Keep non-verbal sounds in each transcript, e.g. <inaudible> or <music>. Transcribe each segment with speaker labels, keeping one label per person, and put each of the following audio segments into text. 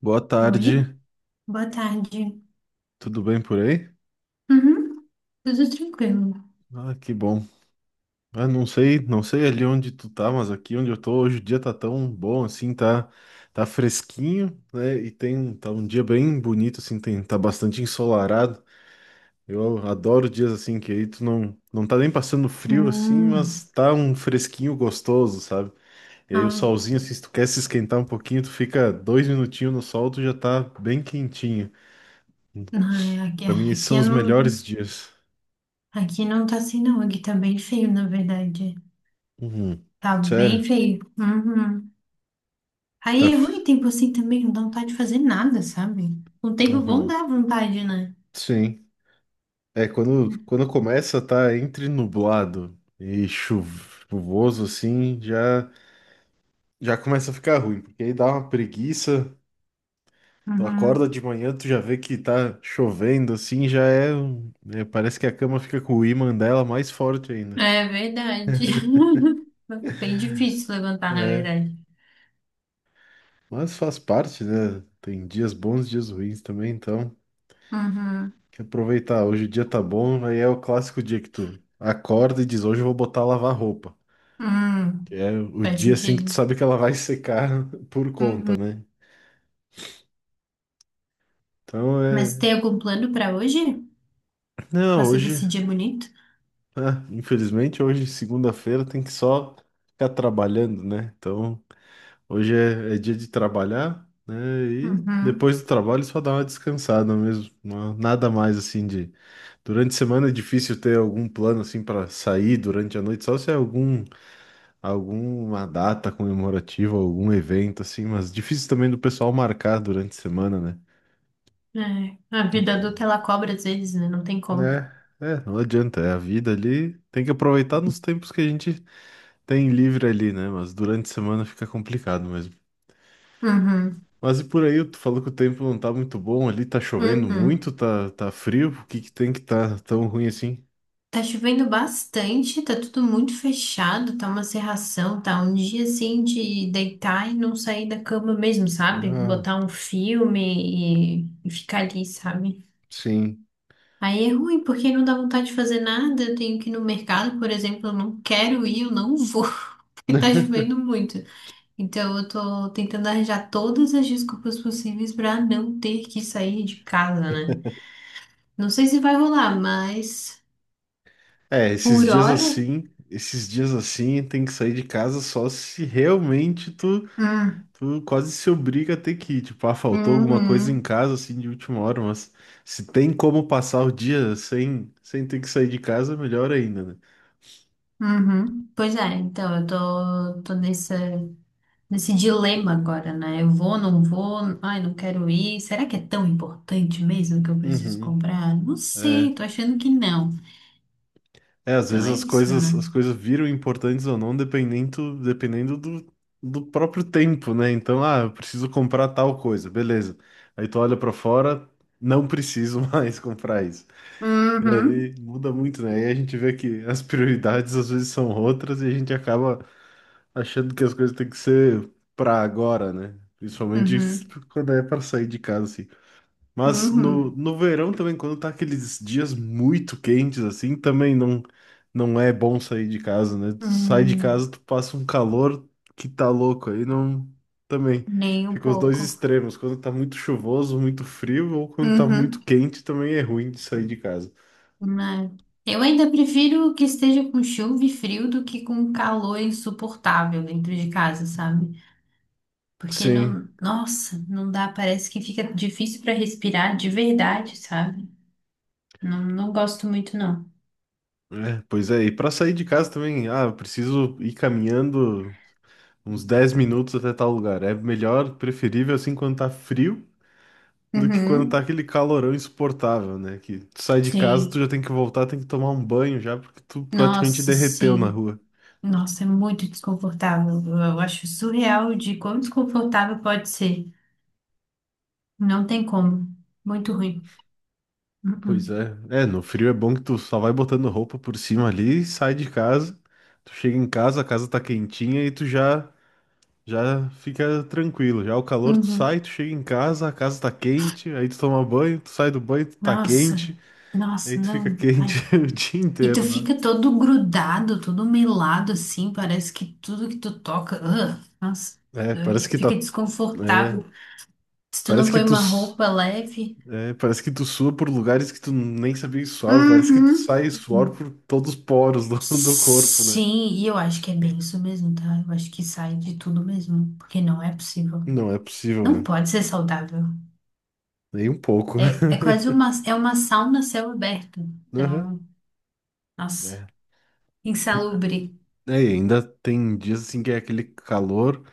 Speaker 1: Boa
Speaker 2: Oi,
Speaker 1: tarde,
Speaker 2: boa tarde.
Speaker 1: tudo bem por aí?
Speaker 2: Uhum, tudo tranquilo.
Speaker 1: Ah, que bom. Ah, não sei ali onde tu tá, mas aqui onde eu tô hoje o dia tá tão bom assim, tá fresquinho, né? E tem tá um dia bem bonito assim, tem tá bastante ensolarado. Eu adoro dias assim que aí tu não tá nem passando frio assim,
Speaker 2: Hum,
Speaker 1: mas tá um fresquinho gostoso, sabe? E aí o
Speaker 2: ah,
Speaker 1: solzinho assim, se tu quer se esquentar um pouquinho, tu fica dois minutinhos no sol, tu já tá bem quentinho.
Speaker 2: não, é, aqui,
Speaker 1: Pra mim esses
Speaker 2: aqui,
Speaker 1: são
Speaker 2: eu
Speaker 1: os
Speaker 2: não,
Speaker 1: melhores dias.
Speaker 2: aqui não tá assim não, aqui tá bem feio, na verdade.
Speaker 1: Uhum.
Speaker 2: Tá bem
Speaker 1: Sério?
Speaker 2: feio. Uhum.
Speaker 1: Tá.
Speaker 2: Aí é ruim
Speaker 1: f-
Speaker 2: tempo assim também, não dá vontade de fazer nada, sabe? Um tempo bom
Speaker 1: Uhum.
Speaker 2: dá vontade, né?
Speaker 1: Sim. É, quando começa, tá entre nublado e chuvoso, assim, já começa a ficar ruim, porque aí dá uma preguiça. Tu acorda
Speaker 2: Uhum.
Speaker 1: de manhã, tu já vê que tá chovendo, assim, já é, um- é, parece que a cama fica com o ímã dela mais forte ainda.
Speaker 2: É verdade. <laughs> Bem difícil levantar, na
Speaker 1: É,
Speaker 2: verdade.
Speaker 1: mas faz parte, né? Tem dias bons, dias ruins também, então.
Speaker 2: Uhum.
Speaker 1: Tem que aproveitar. Hoje o dia tá bom, aí é o clássico dia que tu acorda e diz, hoje eu vou botar a lavar roupa.
Speaker 2: Hum,
Speaker 1: É o
Speaker 2: faz
Speaker 1: dia assim que tu
Speaker 2: sentido.
Speaker 1: sabe que ela vai secar <laughs> por conta,
Speaker 2: Uhum.
Speaker 1: né? Então
Speaker 2: Mas
Speaker 1: é.
Speaker 2: tem algum plano pra hoje?
Speaker 1: Não,
Speaker 2: Você
Speaker 1: hoje,
Speaker 2: decidir é bonito.
Speaker 1: ah, infelizmente, hoje, segunda-feira, tem que só ficar trabalhando, né? Então, hoje é dia de trabalhar, né? E
Speaker 2: Uhum.
Speaker 1: depois do trabalho só dar uma descansada mesmo. Nada mais assim de. Durante a semana é difícil ter algum plano assim para sair durante a noite, só se é algum, alguma data comemorativa, algum evento assim, mas difícil também do pessoal marcar durante a semana, né?
Speaker 2: É. A vida adulta ela cobra às vezes, né? Não tem como.
Speaker 1: Né? É, não adianta. É a vida ali. Tem que aproveitar nos tempos que a gente tem livre ali, né? Mas durante a semana fica complicado mesmo.
Speaker 2: Uhum.
Speaker 1: Mas e por aí, tu falou que o tempo não tá muito bom ali, tá chovendo muito,
Speaker 2: Uhum.
Speaker 1: tá frio. O que que tem que tá tão ruim assim?
Speaker 2: Tá chovendo bastante, tá tudo muito fechado, tá uma cerração, tá um dia assim de deitar e não sair da cama mesmo, sabe?
Speaker 1: Ah,
Speaker 2: Botar um filme e ficar ali, sabe?
Speaker 1: sim.
Speaker 2: Aí é ruim, porque não dá vontade de fazer nada. Eu tenho que ir no mercado, por exemplo, eu não quero ir, eu não vou, <laughs> porque tá
Speaker 1: <laughs>
Speaker 2: chovendo muito. Então, eu tô tentando arranjar todas as desculpas possíveis pra não ter que sair de casa, né? Não sei se vai rolar, mas
Speaker 1: É,
Speaker 2: por
Speaker 1: esses dias
Speaker 2: hora.
Speaker 1: assim, esses dias assim, tem que sair de casa só se realmente tu
Speaker 2: Hum,
Speaker 1: tu quase se obriga a ter que ir. Tipo, ah, faltou alguma coisa em
Speaker 2: uhum,
Speaker 1: casa, assim, de última hora, mas se tem como passar o dia sem ter que sair de casa, melhor ainda, né?
Speaker 2: uhum. Pois é, então eu tô nessa, nesse dilema agora, né? Eu vou, não vou, ai, não quero ir. Será que é tão importante mesmo que eu preciso
Speaker 1: Uhum.
Speaker 2: comprar? Não
Speaker 1: É,
Speaker 2: sei, tô achando que não.
Speaker 1: é, às
Speaker 2: Então
Speaker 1: vezes
Speaker 2: é
Speaker 1: as
Speaker 2: isso,
Speaker 1: coisas,
Speaker 2: né?
Speaker 1: as coisas viram importantes ou não, dependendo do próprio tempo, né? Então, ah, eu preciso comprar tal coisa, beleza. Aí tu olha pra fora, não preciso <laughs> mais comprar isso.
Speaker 2: Uhum,
Speaker 1: E muda muito, né? E a gente vê que as prioridades às vezes são outras e a gente acaba achando que as coisas têm que ser pra agora, né? Principalmente
Speaker 2: uhum,
Speaker 1: quando é pra sair de casa, assim. Mas no,
Speaker 2: uhum,
Speaker 1: no verão também, quando tá aqueles dias muito quentes, assim, também não, não é bom sair de casa, né? Tu sai de
Speaker 2: uhum.
Speaker 1: casa, tu passa um calor que tá louco, aí não. Também,
Speaker 2: Nem um
Speaker 1: fica os dois
Speaker 2: pouco.
Speaker 1: extremos, quando tá muito chuvoso, muito frio, ou quando tá muito
Speaker 2: Uhum.
Speaker 1: quente, também é ruim de sair de casa.
Speaker 2: Né? Eu ainda prefiro que esteja com chuva e frio do que com calor insuportável dentro de casa, sabe? Porque
Speaker 1: Sim,
Speaker 2: não, nossa, não dá, parece que fica difícil para respirar de verdade, sabe? Não, não gosto muito, não.
Speaker 1: é, pois é, e para sair de casa também, ah, eu preciso ir caminhando uns 10 minutos até tal lugar. É melhor, preferível assim quando tá frio do que quando tá
Speaker 2: Uhum.
Speaker 1: aquele calorão insuportável, né? Que tu sai de casa, tu
Speaker 2: Sim.
Speaker 1: já tem que voltar, tem que tomar um banho já, porque tu praticamente
Speaker 2: Nossa,
Speaker 1: derreteu na
Speaker 2: sim.
Speaker 1: rua.
Speaker 2: Nossa, é muito desconfortável. Eu acho surreal de quão desconfortável pode ser. Não tem como. Muito ruim.
Speaker 1: Pois
Speaker 2: Uhum.
Speaker 1: é. É, no frio é bom que tu só vai botando roupa por cima ali, sai de casa, tu chega em casa, a casa tá quentinha e tu já fica tranquilo. Já o calor tu sai,
Speaker 2: Uhum.
Speaker 1: tu chega em casa, a casa tá quente, aí tu toma banho, tu sai do banho, tu tá
Speaker 2: Nossa,
Speaker 1: quente, aí
Speaker 2: nossa,
Speaker 1: tu fica
Speaker 2: não.
Speaker 1: quente
Speaker 2: Ai.
Speaker 1: <laughs> o dia
Speaker 2: E tu
Speaker 1: inteiro, né?
Speaker 2: fica todo grudado, todo melado assim, parece que tudo que tu toca, ugh, nossa,
Speaker 1: É, parece que tá.
Speaker 2: fica
Speaker 1: É,
Speaker 2: desconfortável. Se tu não
Speaker 1: parece que
Speaker 2: põe
Speaker 1: tu.
Speaker 2: uma roupa leve.
Speaker 1: É, parece que tu sua por lugares que tu nem sabia que suava. Parece que tu
Speaker 2: Uhum.
Speaker 1: sai suor por todos os poros <laughs> do corpo, né?
Speaker 2: Sim, e eu acho que é bem isso mesmo, tá? Eu acho que sai de tudo mesmo, porque não é possível.
Speaker 1: Não é possível,
Speaker 2: Não
Speaker 1: né?
Speaker 2: pode ser saudável.
Speaker 1: Nem um pouco.
Speaker 2: É, é quase uma, é uma sauna a céu aberto.
Speaker 1: <laughs> Aham.
Speaker 2: Então, nossa,
Speaker 1: É.
Speaker 2: insalubre.
Speaker 1: É, e ainda tem dias assim que é aquele calor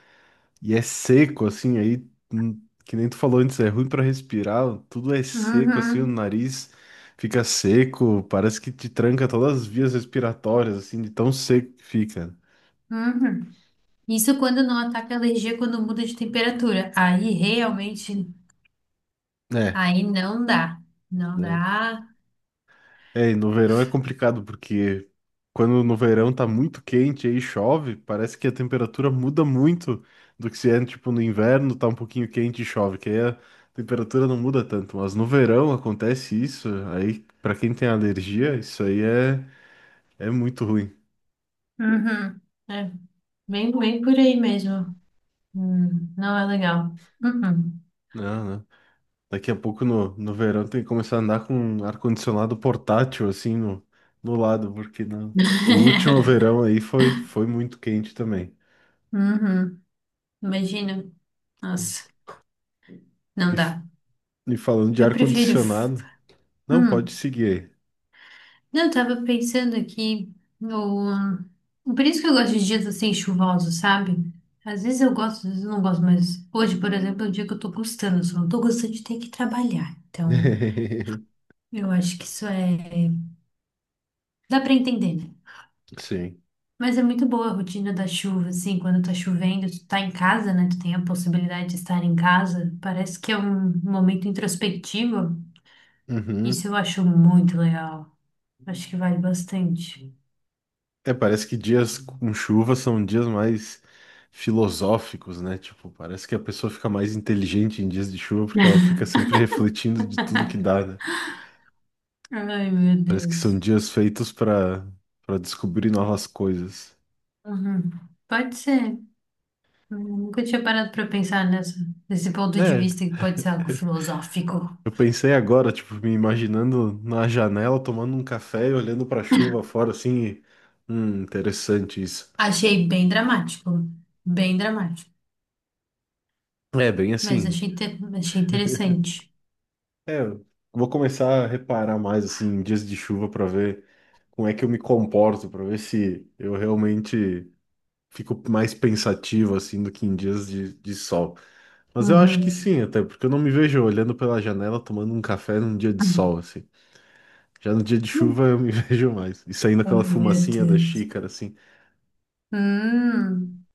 Speaker 1: e é seco, assim, aí, que nem tu falou antes, é ruim pra respirar, tudo é seco, assim, o
Speaker 2: Uhum,
Speaker 1: nariz fica seco, parece que te tranca todas as vias respiratórias, assim, de tão seco que fica.
Speaker 2: uhum. Isso quando não ataca a alergia quando muda de temperatura. Aí realmente,
Speaker 1: É.
Speaker 2: aí não dá. Não
Speaker 1: é.
Speaker 2: dá.
Speaker 1: É, e no verão é complicado, porque quando no verão tá muito quente e aí chove, parece que a temperatura muda muito do que se é, tipo, no inverno tá um pouquinho quente e chove, que aí a temperatura não muda tanto. Mas no verão acontece isso, aí pra quem tem alergia, é muito ruim.
Speaker 2: Uhum. É, bem, bem por aí mesmo. Não é legal. Uhum.
Speaker 1: Não, não. Daqui a pouco no verão tem que começar a andar com um ar-condicionado portátil, assim, no lado, porque não. O último
Speaker 2: <laughs>
Speaker 1: verão aí foi muito quente também.
Speaker 2: Uhum. Imagina. Nossa, não
Speaker 1: E,
Speaker 2: dá.
Speaker 1: E falando de
Speaker 2: Eu prefiro. F-
Speaker 1: ar-condicionado, não pode
Speaker 2: Hum.
Speaker 1: seguir
Speaker 2: Não, eu tava pensando aqui no. Por isso que eu gosto de dias assim chuvosos, sabe? Às vezes eu gosto, às vezes eu não gosto, mas hoje, por exemplo, é um dia que eu tô gostando, só não tô gostando de ter que trabalhar. Então,
Speaker 1: aí.
Speaker 2: eu acho que isso é. Dá pra entender, né?
Speaker 1: <laughs> Sim.
Speaker 2: Mas é muito boa a rotina da chuva, assim, quando tá chovendo, tu tá em casa, né? Tu tem a possibilidade de estar em casa. Parece que é um momento introspectivo.
Speaker 1: Uhum.
Speaker 2: Isso eu acho muito legal. Acho que vale bastante.
Speaker 1: É, parece que dias com chuva são dias mais filosóficos, né? Tipo, parece que a pessoa fica mais inteligente em dias de chuva porque ela
Speaker 2: <laughs>
Speaker 1: fica sempre refletindo de tudo que dá, né?
Speaker 2: Ai, meu
Speaker 1: Parece que são
Speaker 2: Deus.
Speaker 1: dias feitos para descobrir novas coisas.
Speaker 2: Uhum. Pode ser. Eu nunca tinha parado para pensar nessa, nesse ponto de
Speaker 1: É,
Speaker 2: vista que pode ser algo filosófico.
Speaker 1: eu pensei agora, tipo, me imaginando na janela tomando um café e olhando para a chuva fora assim, e, interessante isso.
Speaker 2: Achei bem dramático,
Speaker 1: É, bem
Speaker 2: mas
Speaker 1: assim.
Speaker 2: achei, achei
Speaker 1: <laughs>
Speaker 2: interessante.
Speaker 1: É, eu vou começar a reparar mais assim em dias de chuva para ver como é que eu me comporto, para ver se eu realmente fico mais pensativo assim do que em dias de sol. Mas eu acho que
Speaker 2: Uhum.
Speaker 1: sim, até porque eu não me vejo olhando pela janela tomando um café num dia de sol assim. Já no dia de chuva eu me <laughs> vejo mais. E saindo aquela
Speaker 2: Ai, meu
Speaker 1: fumacinha da
Speaker 2: Deus.
Speaker 1: xícara assim.
Speaker 2: Hum,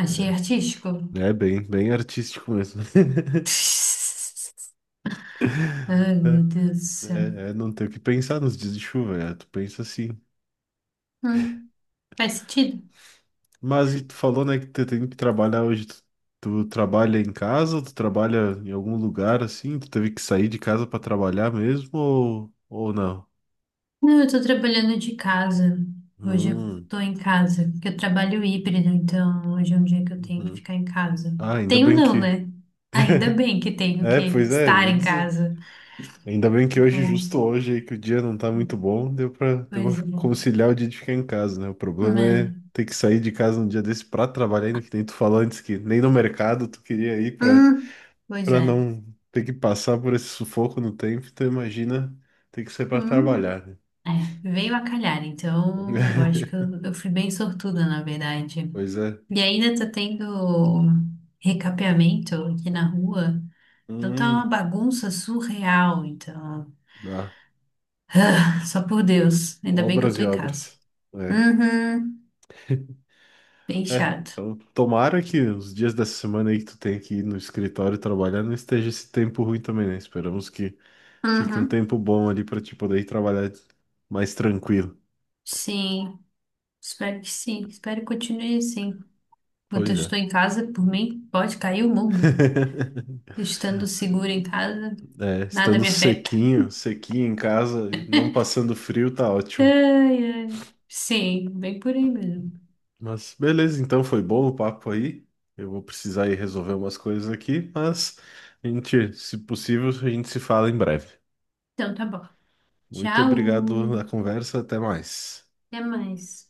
Speaker 2: achei artístico.
Speaker 1: É bem artístico mesmo.
Speaker 2: <laughs> Ai,
Speaker 1: <laughs>
Speaker 2: meu
Speaker 1: É,
Speaker 2: Deus do céu.
Speaker 1: é, não ter o que pensar nos dias de chuva, é, tu pensa assim.
Speaker 2: Hum, faz sentido.
Speaker 1: Mas e tu falou, né, que tu tem que trabalhar hoje. Tu trabalha em casa, ou tu trabalha em algum lugar assim? Tu teve que sair de casa para trabalhar mesmo ou não?
Speaker 2: Não, eu tô trabalhando de casa. Hoje eu
Speaker 1: Hum,
Speaker 2: tô em casa, porque eu trabalho híbrido, então hoje é um dia que eu tenho que
Speaker 1: uhum.
Speaker 2: ficar em casa.
Speaker 1: Ah, ainda
Speaker 2: Tenho
Speaker 1: bem
Speaker 2: não,
Speaker 1: que.
Speaker 2: né? Ainda bem que tenho
Speaker 1: É,
Speaker 2: que
Speaker 1: pois é, eu
Speaker 2: estar
Speaker 1: ia
Speaker 2: em
Speaker 1: dizer.
Speaker 2: casa.
Speaker 1: Ainda bem que hoje,
Speaker 2: É,
Speaker 1: justo hoje aí, que o dia não tá muito bom, deu deu
Speaker 2: pois
Speaker 1: pra
Speaker 2: é.
Speaker 1: conciliar o dia de ficar em casa, né? O problema é
Speaker 2: Né?
Speaker 1: ter que sair de casa num dia desse pra trabalhar, ainda que nem tu falou antes que nem no mercado tu queria ir pra
Speaker 2: Hum, pois
Speaker 1: para
Speaker 2: é.
Speaker 1: não ter que passar por esse sufoco no tempo, tu imagina ter que ser para
Speaker 2: Hum.
Speaker 1: trabalhar, né?
Speaker 2: É, veio a calhar, então eu acho que
Speaker 1: <laughs>
Speaker 2: eu fui bem sortuda, na verdade.
Speaker 1: Pois é.
Speaker 2: E ainda tá tendo recapeamento aqui na rua, então tá uma
Speaker 1: Hum,
Speaker 2: bagunça surreal, então.
Speaker 1: ah,
Speaker 2: Só por Deus. Ainda bem que eu
Speaker 1: obras
Speaker 2: tô
Speaker 1: e
Speaker 2: em casa.
Speaker 1: obras. É.
Speaker 2: Uhum. Bem
Speaker 1: É.
Speaker 2: chato.
Speaker 1: Então, tomara que os dias dessa semana aí que tu tem que ir no escritório trabalhar não esteja esse tempo ruim também, né? Esperamos que fique um
Speaker 2: Uhum.
Speaker 1: tempo bom ali para te poder ir trabalhar mais tranquilo.
Speaker 2: Sim. Espero que sim. Espero que continue assim. Enquanto eu
Speaker 1: Pois é.
Speaker 2: estou em casa, por mim, pode cair o mundo.
Speaker 1: <laughs>
Speaker 2: Estando seguro em casa,
Speaker 1: É,
Speaker 2: nada
Speaker 1: estando
Speaker 2: me afeta.
Speaker 1: sequinho, sequinho em casa, e não passando frio, tá ótimo.
Speaker 2: Ai, ai. Sim, bem por aí mesmo.
Speaker 1: Mas beleza, então foi bom o papo aí. Eu vou precisar ir resolver umas coisas aqui, mas a gente, se possível, a gente se fala em breve.
Speaker 2: Então tá bom.
Speaker 1: Muito obrigado pela
Speaker 2: Tchau.
Speaker 1: conversa, até mais.
Speaker 2: Até mais.